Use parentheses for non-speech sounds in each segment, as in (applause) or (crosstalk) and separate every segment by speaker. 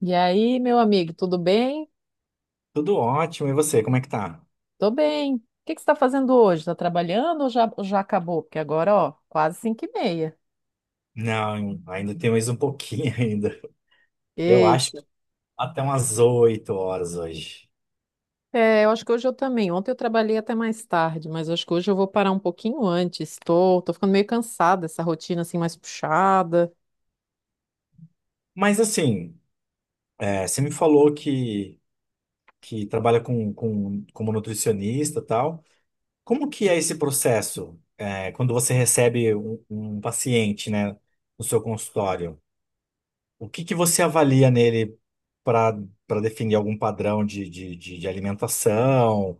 Speaker 1: E aí, meu amigo, tudo bem?
Speaker 2: Tudo ótimo, e você, como é que tá?
Speaker 1: Tô bem. O que que você está fazendo hoje? Está trabalhando ou já acabou? Porque agora, ó, quase 5:30.
Speaker 2: Não, ainda tem mais um pouquinho (laughs) ainda. Eu
Speaker 1: Ei,
Speaker 2: acho que até umas 8 horas hoje.
Speaker 1: é, eu acho que hoje eu também. Ontem eu trabalhei até mais tarde, mas acho que hoje eu vou parar um pouquinho antes. Tô ficando meio cansada, essa rotina assim mais puxada.
Speaker 2: Mas assim, você me falou que trabalha como nutricionista e tal. Como que é esse processo, quando você recebe um paciente, né, no seu consultório? O que que você avalia nele para para definir algum padrão de alimentação?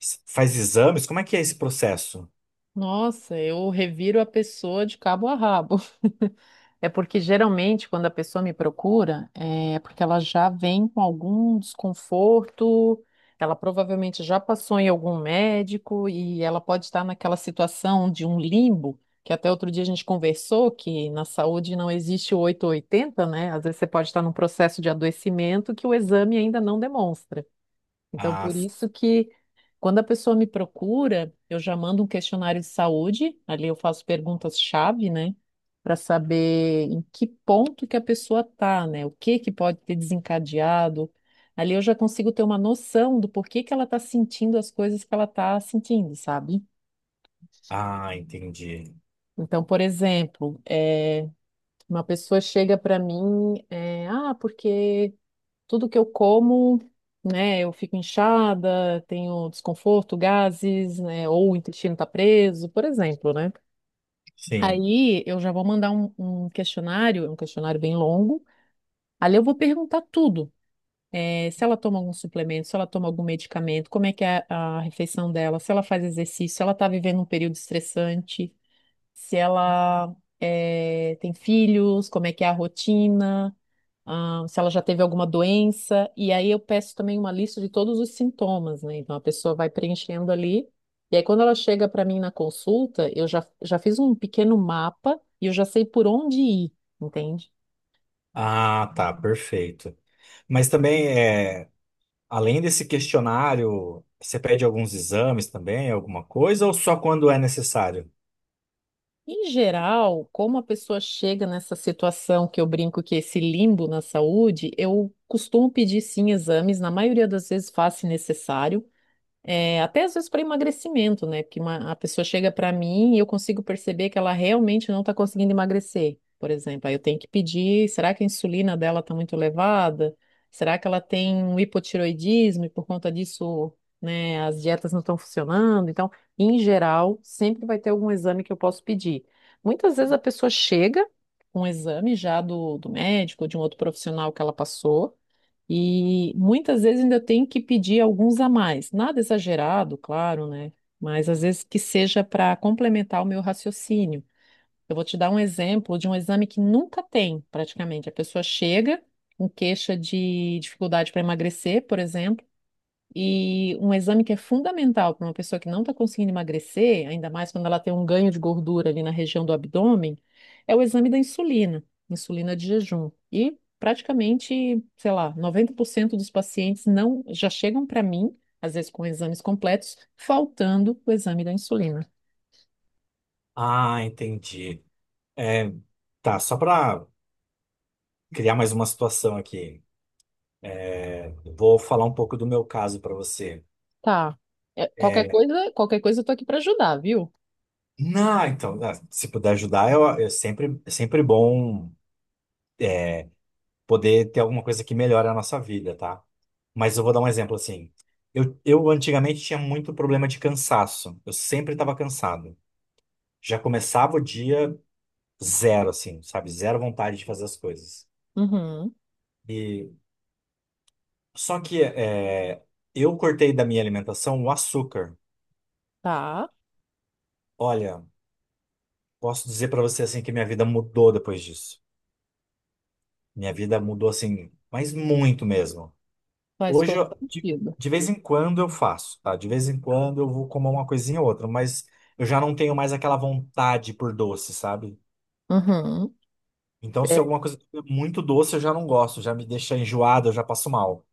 Speaker 2: Faz exames? Como é que é esse processo?
Speaker 1: Nossa, eu reviro a pessoa de cabo a rabo. (laughs) É porque geralmente quando a pessoa me procura, é porque ela já vem com algum desconforto, ela provavelmente já passou em algum médico e ela pode estar naquela situação de um limbo, que até outro dia a gente conversou que na saúde não existe o oito ou oitenta, né? Às vezes você pode estar num processo de adoecimento que o exame ainda não demonstra. Então,
Speaker 2: Ah,
Speaker 1: por isso que quando a pessoa me procura, eu já mando um questionário de saúde, ali eu faço perguntas-chave, né, para saber em que ponto que a pessoa tá, né, o que que pode ter desencadeado. Ali eu já consigo ter uma noção do porquê que ela tá sentindo as coisas que ela tá sentindo, sabe?
Speaker 2: Ah, entendi.
Speaker 1: Então, por exemplo, uma pessoa chega para mim, porque tudo que eu como, né, eu fico inchada, tenho desconforto, gases, né, ou o intestino tá preso, por exemplo, né?
Speaker 2: Sim.
Speaker 1: Aí eu já vou mandar um questionário, é um questionário bem longo. Ali eu vou perguntar tudo. Se ela toma algum suplemento, se ela toma algum medicamento, como é que é a refeição dela, se ela faz exercício, se ela está vivendo um período estressante, se ela tem filhos, como é que é a rotina, se ela já teve alguma doença, e aí eu peço também uma lista de todos os sintomas, né? Então a pessoa vai preenchendo ali, e aí quando ela chega para mim na consulta, eu já fiz um pequeno mapa e eu já sei por onde ir, entende?
Speaker 2: Ah, tá, perfeito. Mas também, além desse questionário, você pede alguns exames também, alguma coisa, ou só quando é necessário?
Speaker 1: Em geral, como a pessoa chega nessa situação que eu brinco que é esse limbo na saúde, eu costumo pedir sim exames, na maioria das vezes faço se necessário. É, até às vezes para emagrecimento, né? Porque a pessoa chega para mim e eu consigo perceber que ela realmente não está conseguindo emagrecer, por exemplo. Aí eu tenho que pedir, será que a insulina dela está muito elevada? Será que ela tem um hipotiroidismo e por conta disso, né, as dietas não estão funcionando? Então, em geral, sempre vai ter algum exame que eu posso pedir. Muitas vezes a pessoa chega com um exame já do médico ou de um outro profissional que ela passou. E muitas vezes ainda tem que pedir alguns a mais. Nada exagerado, claro, né? Mas às vezes que seja para complementar o meu raciocínio. Eu vou te dar um exemplo de um exame que nunca tem, praticamente. A pessoa chega com queixa de dificuldade para emagrecer, por exemplo. E um exame que é fundamental para uma pessoa que não está conseguindo emagrecer, ainda mais quando ela tem um ganho de gordura ali na região do abdômen, é o exame da insulina, insulina de jejum. E praticamente, sei lá, 90% dos pacientes não já chegam para mim, às vezes com exames completos, faltando o exame da insulina.
Speaker 2: Ah, entendi. É, tá, só para criar mais uma situação aqui, vou falar um pouco do meu caso para você.
Speaker 1: Tá. É,
Speaker 2: Eh,
Speaker 1: qualquer coisa eu tô aqui para ajudar, viu?
Speaker 2: Não, então, ah, se puder ajudar, é sempre bom. Poder ter alguma coisa que melhore a nossa vida, tá? Mas eu vou dar um exemplo assim. Eu antigamente tinha muito problema de cansaço. Eu sempre estava cansado. Já começava o dia zero, assim, sabe? Zero vontade de fazer as coisas.
Speaker 1: Uhum.
Speaker 2: E só que é, eu cortei da minha alimentação o açúcar.
Speaker 1: Tá.
Speaker 2: Olha, posso dizer para você assim que minha vida mudou depois disso. Minha vida mudou assim, mas muito mesmo.
Speaker 1: Faz
Speaker 2: Hoje,
Speaker 1: todo sentido.
Speaker 2: de vez em quando eu faço, tá? De vez em quando eu vou comer uma coisinha ou outra, mas eu já não tenho mais aquela vontade por doce, sabe?
Speaker 1: Uhum.
Speaker 2: Então, se alguma coisa é muito doce, eu já não gosto, já me deixa enjoado, eu já passo mal.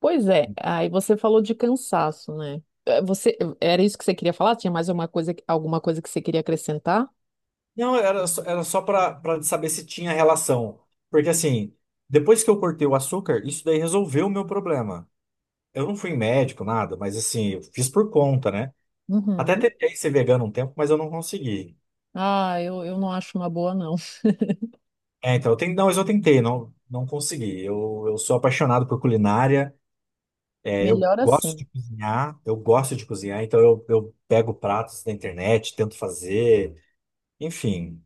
Speaker 1: Pois é, aí você falou de cansaço, né? Você, era isso que você queria falar? Tinha mais alguma coisa que você queria acrescentar?
Speaker 2: Não, era só pra saber se tinha relação. Porque assim, depois que eu cortei o açúcar, isso daí resolveu o meu problema. Eu não fui em médico, nada, mas assim, eu fiz por conta, né? Até
Speaker 1: Uhum.
Speaker 2: tentei ser vegano um tempo, mas eu não consegui.
Speaker 1: Ah, eu não acho uma boa, não. (laughs)
Speaker 2: É, então, eu tentei, não, não consegui. Eu sou apaixonado por culinária, eu
Speaker 1: Melhor
Speaker 2: gosto
Speaker 1: assim.
Speaker 2: de cozinhar, eu gosto de cozinhar, então eu pego pratos da internet, tento fazer, enfim,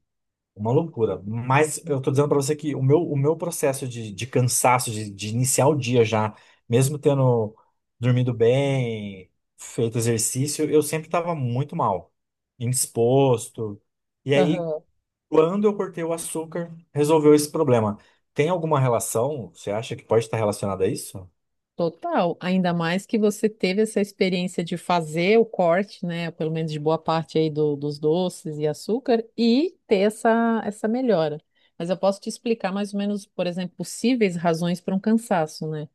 Speaker 2: uma loucura. Mas eu tô dizendo para você que o meu processo de cansaço, de iniciar o dia já, mesmo tendo dormido bem, feito exercício, eu sempre estava muito mal, indisposto. E aí,
Speaker 1: Aham.
Speaker 2: quando eu cortei o açúcar, resolveu esse problema. Tem alguma relação? Você acha que pode estar relacionada a isso?
Speaker 1: Total, ainda mais que você teve essa experiência de fazer o corte, né, pelo menos de boa parte aí dos doces e açúcar, e ter essa melhora. Mas eu posso te explicar mais ou menos, por exemplo, possíveis razões para um cansaço, né?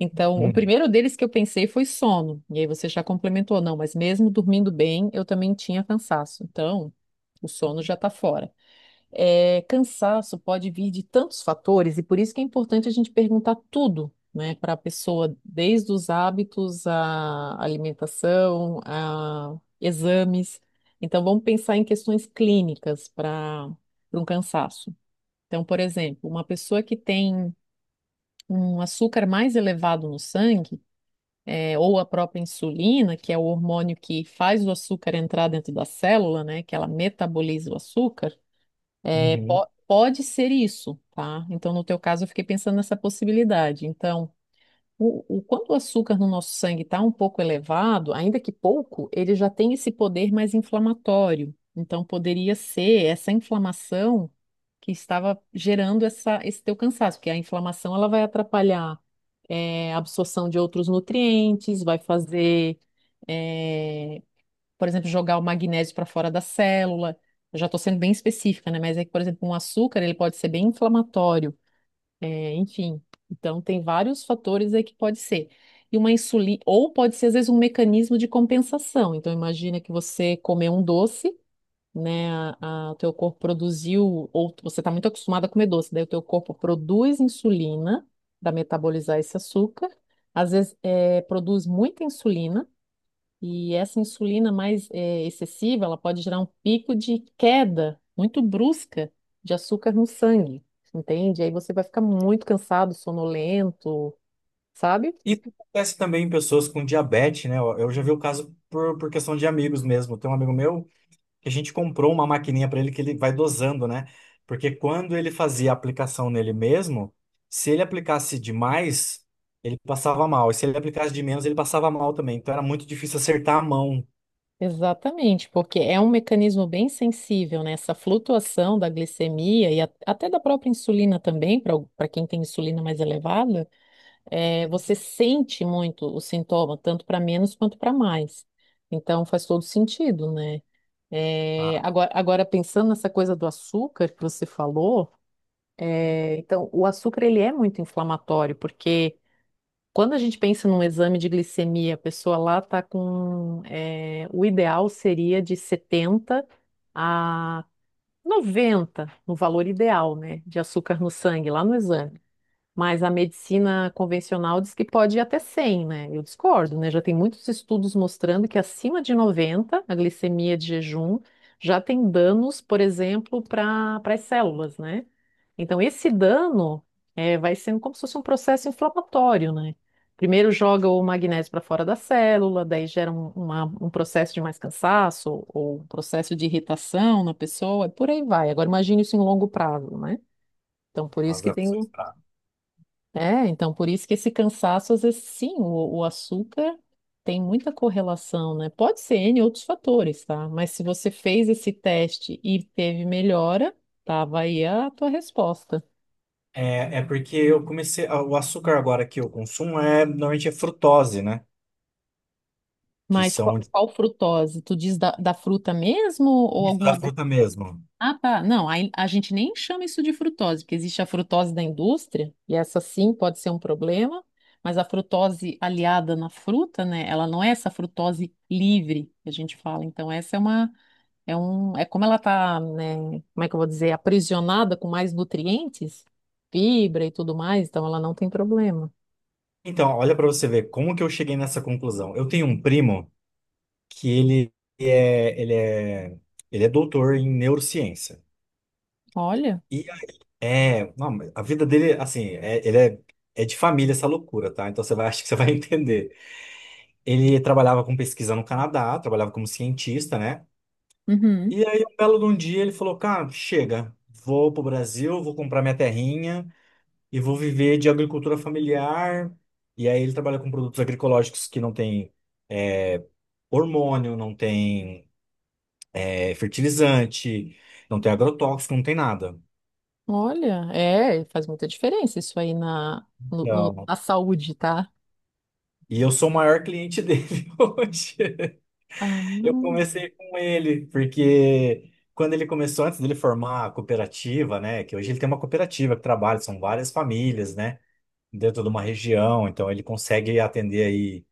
Speaker 1: Então, o
Speaker 2: Hum,
Speaker 1: primeiro deles que eu pensei foi sono, e aí você já complementou, não, mas mesmo dormindo bem, eu também tinha cansaço. Então, o sono já está fora. É, cansaço pode vir de tantos fatores, e por isso que é importante a gente perguntar tudo, né, para a pessoa, desde os hábitos, a alimentação, a exames. Então, vamos pensar em questões clínicas para um cansaço. Então, por exemplo, uma pessoa que tem um açúcar mais elevado no sangue, ou a própria insulina, que é o hormônio que faz o açúcar entrar dentro da célula, né, que ela metaboliza o açúcar. É,
Speaker 2: uhum.
Speaker 1: pode ser isso, tá? Então, no teu caso, eu fiquei pensando nessa possibilidade. Então, quando o açúcar no nosso sangue está um pouco elevado, ainda que pouco, ele já tem esse poder mais inflamatório. Então, poderia ser essa inflamação que estava gerando esse teu cansaço, porque a inflamação ela vai atrapalhar a absorção de outros nutrientes, vai fazer é, por exemplo, jogar o magnésio para fora da célula. Eu já estou sendo bem específica, né? Mas é que, por exemplo, um açúcar ele pode ser bem inflamatório, enfim. Então tem vários fatores aí que pode ser. E uma insulina, ou pode ser às vezes um mecanismo de compensação. Então imagina que você comer um doce, né? O teu corpo produziu, ou você está muito acostumado a comer doce, daí o teu corpo produz insulina para metabolizar esse açúcar. Às vezes produz muita insulina e essa insulina mais excessiva, ela pode gerar um pico de queda muito brusca de açúcar no sangue, entende? Aí você vai ficar muito cansado, sonolento, sabe?
Speaker 2: Isso acontece também em pessoas com diabetes, né? Eu já vi o caso por questão de amigos mesmo. Tem um amigo meu que a gente comprou uma maquininha para ele que ele vai dosando, né? Porque quando ele fazia a aplicação nele mesmo, se ele aplicasse demais, ele passava mal. E se ele aplicasse de menos, ele passava mal também. Então era muito difícil acertar a mão.
Speaker 1: Exatamente, porque é um mecanismo bem sensível, né? Essa flutuação da glicemia e até da própria insulina também, para quem tem insulina mais elevada, é você sente muito o sintoma, tanto para menos quanto para mais. Então faz todo sentido, né? É,
Speaker 2: Ah,
Speaker 1: agora, pensando nessa coisa do açúcar que você falou, então, o açúcar ele é muito inflamatório, porque quando a gente pensa num exame de glicemia, a pessoa lá está com. O ideal seria de 70 a 90 no valor ideal, né, de açúcar no sangue, lá no exame. Mas a medicina convencional diz que pode ir até 100, né? Eu discordo, né? Já tem muitos estudos mostrando que acima de 90 a glicemia de jejum, já tem danos, por exemplo, para as células, né? Então, esse dano vai sendo como se fosse um processo inflamatório, né? Primeiro joga o magnésio para fora da célula, daí gera um processo de mais cansaço ou um processo de irritação na pessoa, e por aí vai. Agora, imagine isso em longo prazo, né? Então, por isso que
Speaker 2: nossa.
Speaker 1: tem, então por isso que esse cansaço, às vezes, sim, o açúcar tem muita correlação, né? Pode ser N outros fatores, tá? Mas se você fez esse teste e teve melhora, tava aí a tua resposta.
Speaker 2: É porque eu comecei. O açúcar agora que eu consumo é normalmente é frutose, né? Que
Speaker 1: Mas qual,
Speaker 2: são
Speaker 1: qual frutose? Tu diz da fruta mesmo ou
Speaker 2: isso
Speaker 1: algum
Speaker 2: da
Speaker 1: adoçante?
Speaker 2: fruta mesmo.
Speaker 1: Ah, tá. Não, aí a gente nem chama isso de frutose, porque existe a frutose da indústria, e essa sim pode ser um problema, mas a frutose aliada na fruta, né? Ela não é essa frutose livre que a gente fala. Então, essa é uma é um, é como ela tá, né, como é que eu vou dizer, aprisionada com mais nutrientes, fibra e tudo mais, então ela não tem problema.
Speaker 2: Então, olha pra você ver como que eu cheguei nessa conclusão. Eu tenho um primo que é, ele é, ele é doutor em neurociência.
Speaker 1: Olha.
Speaker 2: E aí, não, mas a vida dele, assim, é de família essa loucura, tá? Então você vai, (laughs) acho que você vai entender. Ele trabalhava com pesquisa no Canadá, trabalhava como cientista, né?
Speaker 1: Uhum.
Speaker 2: E aí, um belo de um dia, ele falou: Cara, chega, vou pro Brasil, vou comprar minha terrinha e vou viver de agricultura familiar. E aí, ele trabalha com produtos agroecológicos que não tem é, hormônio, não tem fertilizante, não tem agrotóxico, não tem nada.
Speaker 1: Olha, faz muita diferença isso aí na, no- no-
Speaker 2: Então,
Speaker 1: na saúde, tá?
Speaker 2: e eu sou o maior cliente dele (laughs) hoje.
Speaker 1: Ah,
Speaker 2: Eu
Speaker 1: não,
Speaker 2: comecei com ele, porque quando ele começou, antes dele formar a cooperativa, né? Que hoje ele tem uma cooperativa que trabalha, são várias famílias, né, dentro de uma região, então ele consegue atender aí,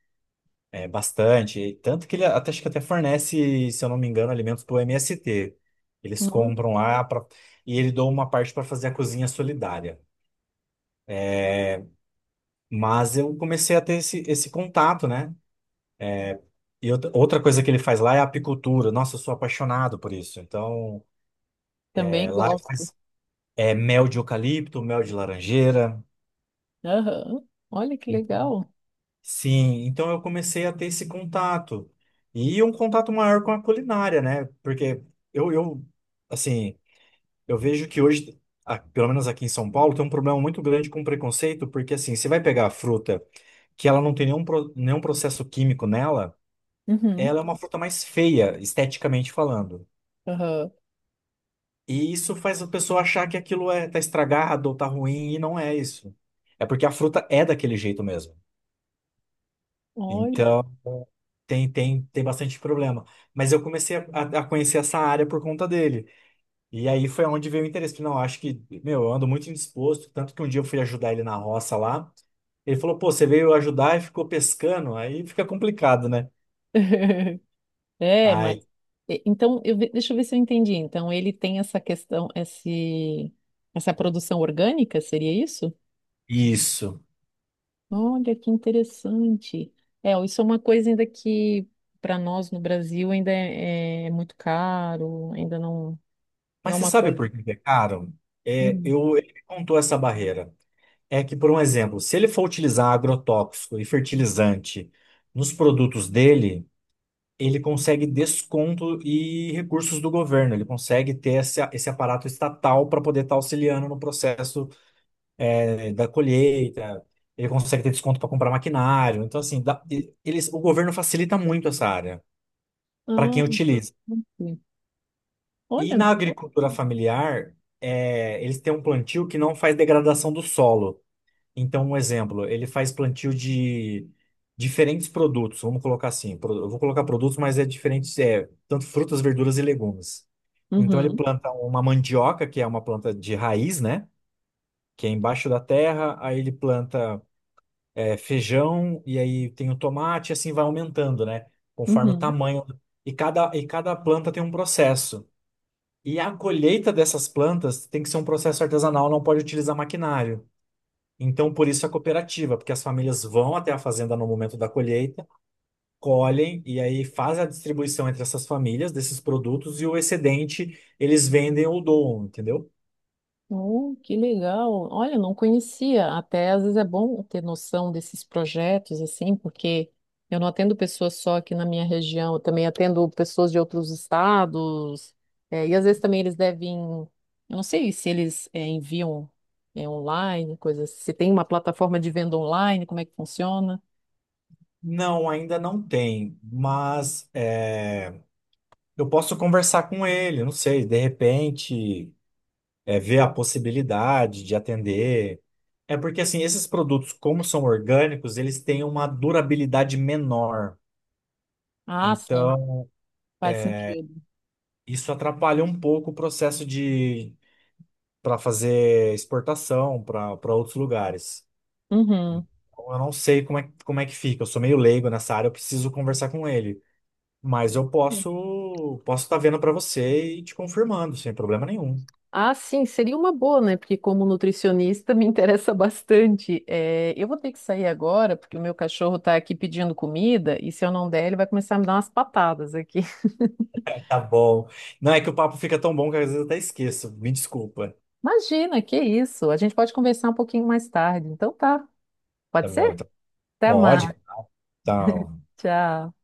Speaker 2: bastante. E tanto que ele até, acho que até fornece, se eu não me engano, alimentos para o MST. Eles
Speaker 1: não,
Speaker 2: compram lá pra, e ele doa uma parte para fazer a cozinha solidária. Mas eu comecei a ter esse contato, né? E outra coisa que ele faz lá é a apicultura. Nossa, eu sou apaixonado por isso. Então,
Speaker 1: também
Speaker 2: lá ele
Speaker 1: gosto.
Speaker 2: faz mel de eucalipto, mel de laranjeira.
Speaker 1: Aham. Olha que
Speaker 2: Então,
Speaker 1: legal.
Speaker 2: sim, então eu comecei a ter esse contato. E um contato maior com a culinária, né? Porque eu assim, eu vejo que hoje, pelo menos aqui em São Paulo, tem um problema muito grande com preconceito, porque assim, você vai pegar a fruta que ela não tem nenhum processo químico nela,
Speaker 1: Uhum.
Speaker 2: ela é uma fruta mais feia, esteticamente falando.
Speaker 1: Aham.
Speaker 2: E isso faz a pessoa achar que aquilo tá estragado ou tá ruim, e não é isso. É porque a fruta é daquele jeito mesmo.
Speaker 1: Olha.
Speaker 2: Então, tem bastante problema. Mas eu comecei a conhecer essa área por conta dele. E aí foi onde veio o interesse. Falei: Não, acho que, meu, eu ando muito indisposto. Tanto que um dia eu fui ajudar ele na roça lá. Ele falou: Pô, você veio ajudar e ficou pescando. Aí fica complicado, né?
Speaker 1: (laughs) É, mas
Speaker 2: Ai,
Speaker 1: então deixa eu ver se eu entendi. Então ele tem essa questão, essa produção orgânica, seria isso?
Speaker 2: isso.
Speaker 1: Olha que interessante. É, isso é uma coisa ainda que para nós no Brasil ainda é muito caro, ainda não, não
Speaker 2: Mas
Speaker 1: é
Speaker 2: você
Speaker 1: uma
Speaker 2: sabe
Speaker 1: coisa.
Speaker 2: por que que é caro?
Speaker 1: Hum.
Speaker 2: Ele me contou essa barreira. É que, por um exemplo, se ele for utilizar agrotóxico e fertilizante nos produtos dele, ele consegue desconto e recursos do governo, ele consegue ter esse aparato estatal para poder estar auxiliando no processo da colheita, ele consegue ter desconto para comprar maquinário. Então, assim, eles, o governo facilita muito essa área para
Speaker 1: Ah,
Speaker 2: quem utiliza.
Speaker 1: ok.
Speaker 2: E
Speaker 1: Olha.
Speaker 2: na agricultura familiar, eles têm um plantio que não faz degradação do solo. Então, um exemplo, ele faz plantio de diferentes produtos, vamos colocar assim, pro- eu vou colocar produtos, mas é diferentes, é, tanto frutas, verduras e legumes. Então ele
Speaker 1: Uhum,
Speaker 2: planta uma mandioca, que é uma planta de raiz, né? Que é embaixo da terra, aí ele planta feijão, e aí tem o tomate, e assim vai aumentando, né? Conforme o
Speaker 1: uhum.
Speaker 2: tamanho. E cada planta tem um processo. E a colheita dessas plantas tem que ser um processo artesanal, não pode utilizar maquinário. Então, por isso a cooperativa, porque as famílias vão até a fazenda no momento da colheita, colhem e aí fazem a distribuição entre essas famílias desses produtos, e o excedente eles vendem ou doam, entendeu?
Speaker 1: Oh, que legal. Olha, não conhecia. Até às vezes é bom ter noção desses projetos, assim, porque eu não atendo pessoas só aqui na minha região, eu também atendo pessoas de outros estados. E às vezes também eles devem, eu não sei se eles enviam é online, coisas. Se tem uma plataforma de venda online, como é que funciona?
Speaker 2: Não, ainda não tem, mas eu posso conversar com ele, não sei, de repente, ver a possibilidade de atender. É porque assim, esses produtos, como são orgânicos, eles têm uma durabilidade menor.
Speaker 1: Ah, sim,
Speaker 2: Então,
Speaker 1: faz sentido.
Speaker 2: isso atrapalha um pouco o processo de para fazer exportação para outros lugares.
Speaker 1: Uhum.
Speaker 2: Então, eu não sei como é que fica, eu sou meio leigo nessa área, eu preciso conversar com ele. Mas eu posso estar vendo para você e te confirmando, sem problema nenhum.
Speaker 1: Ah, sim, seria uma boa, né? Porque como nutricionista (laughs) me interessa bastante. É, eu vou ter que sair agora, porque o meu cachorro está aqui pedindo comida, e se eu não der, ele vai começar a me dar umas patadas aqui. (laughs)
Speaker 2: Tá bom. Não é que o papo fica tão bom que às vezes eu até esqueço. Me desculpa.
Speaker 1: Imagina, que isso? A gente pode conversar um pouquinho mais tarde. Então tá,
Speaker 2: Tá
Speaker 1: pode ser?
Speaker 2: bom, então.
Speaker 1: Até
Speaker 2: Pode,
Speaker 1: mais,
Speaker 2: então.
Speaker 1: tchau.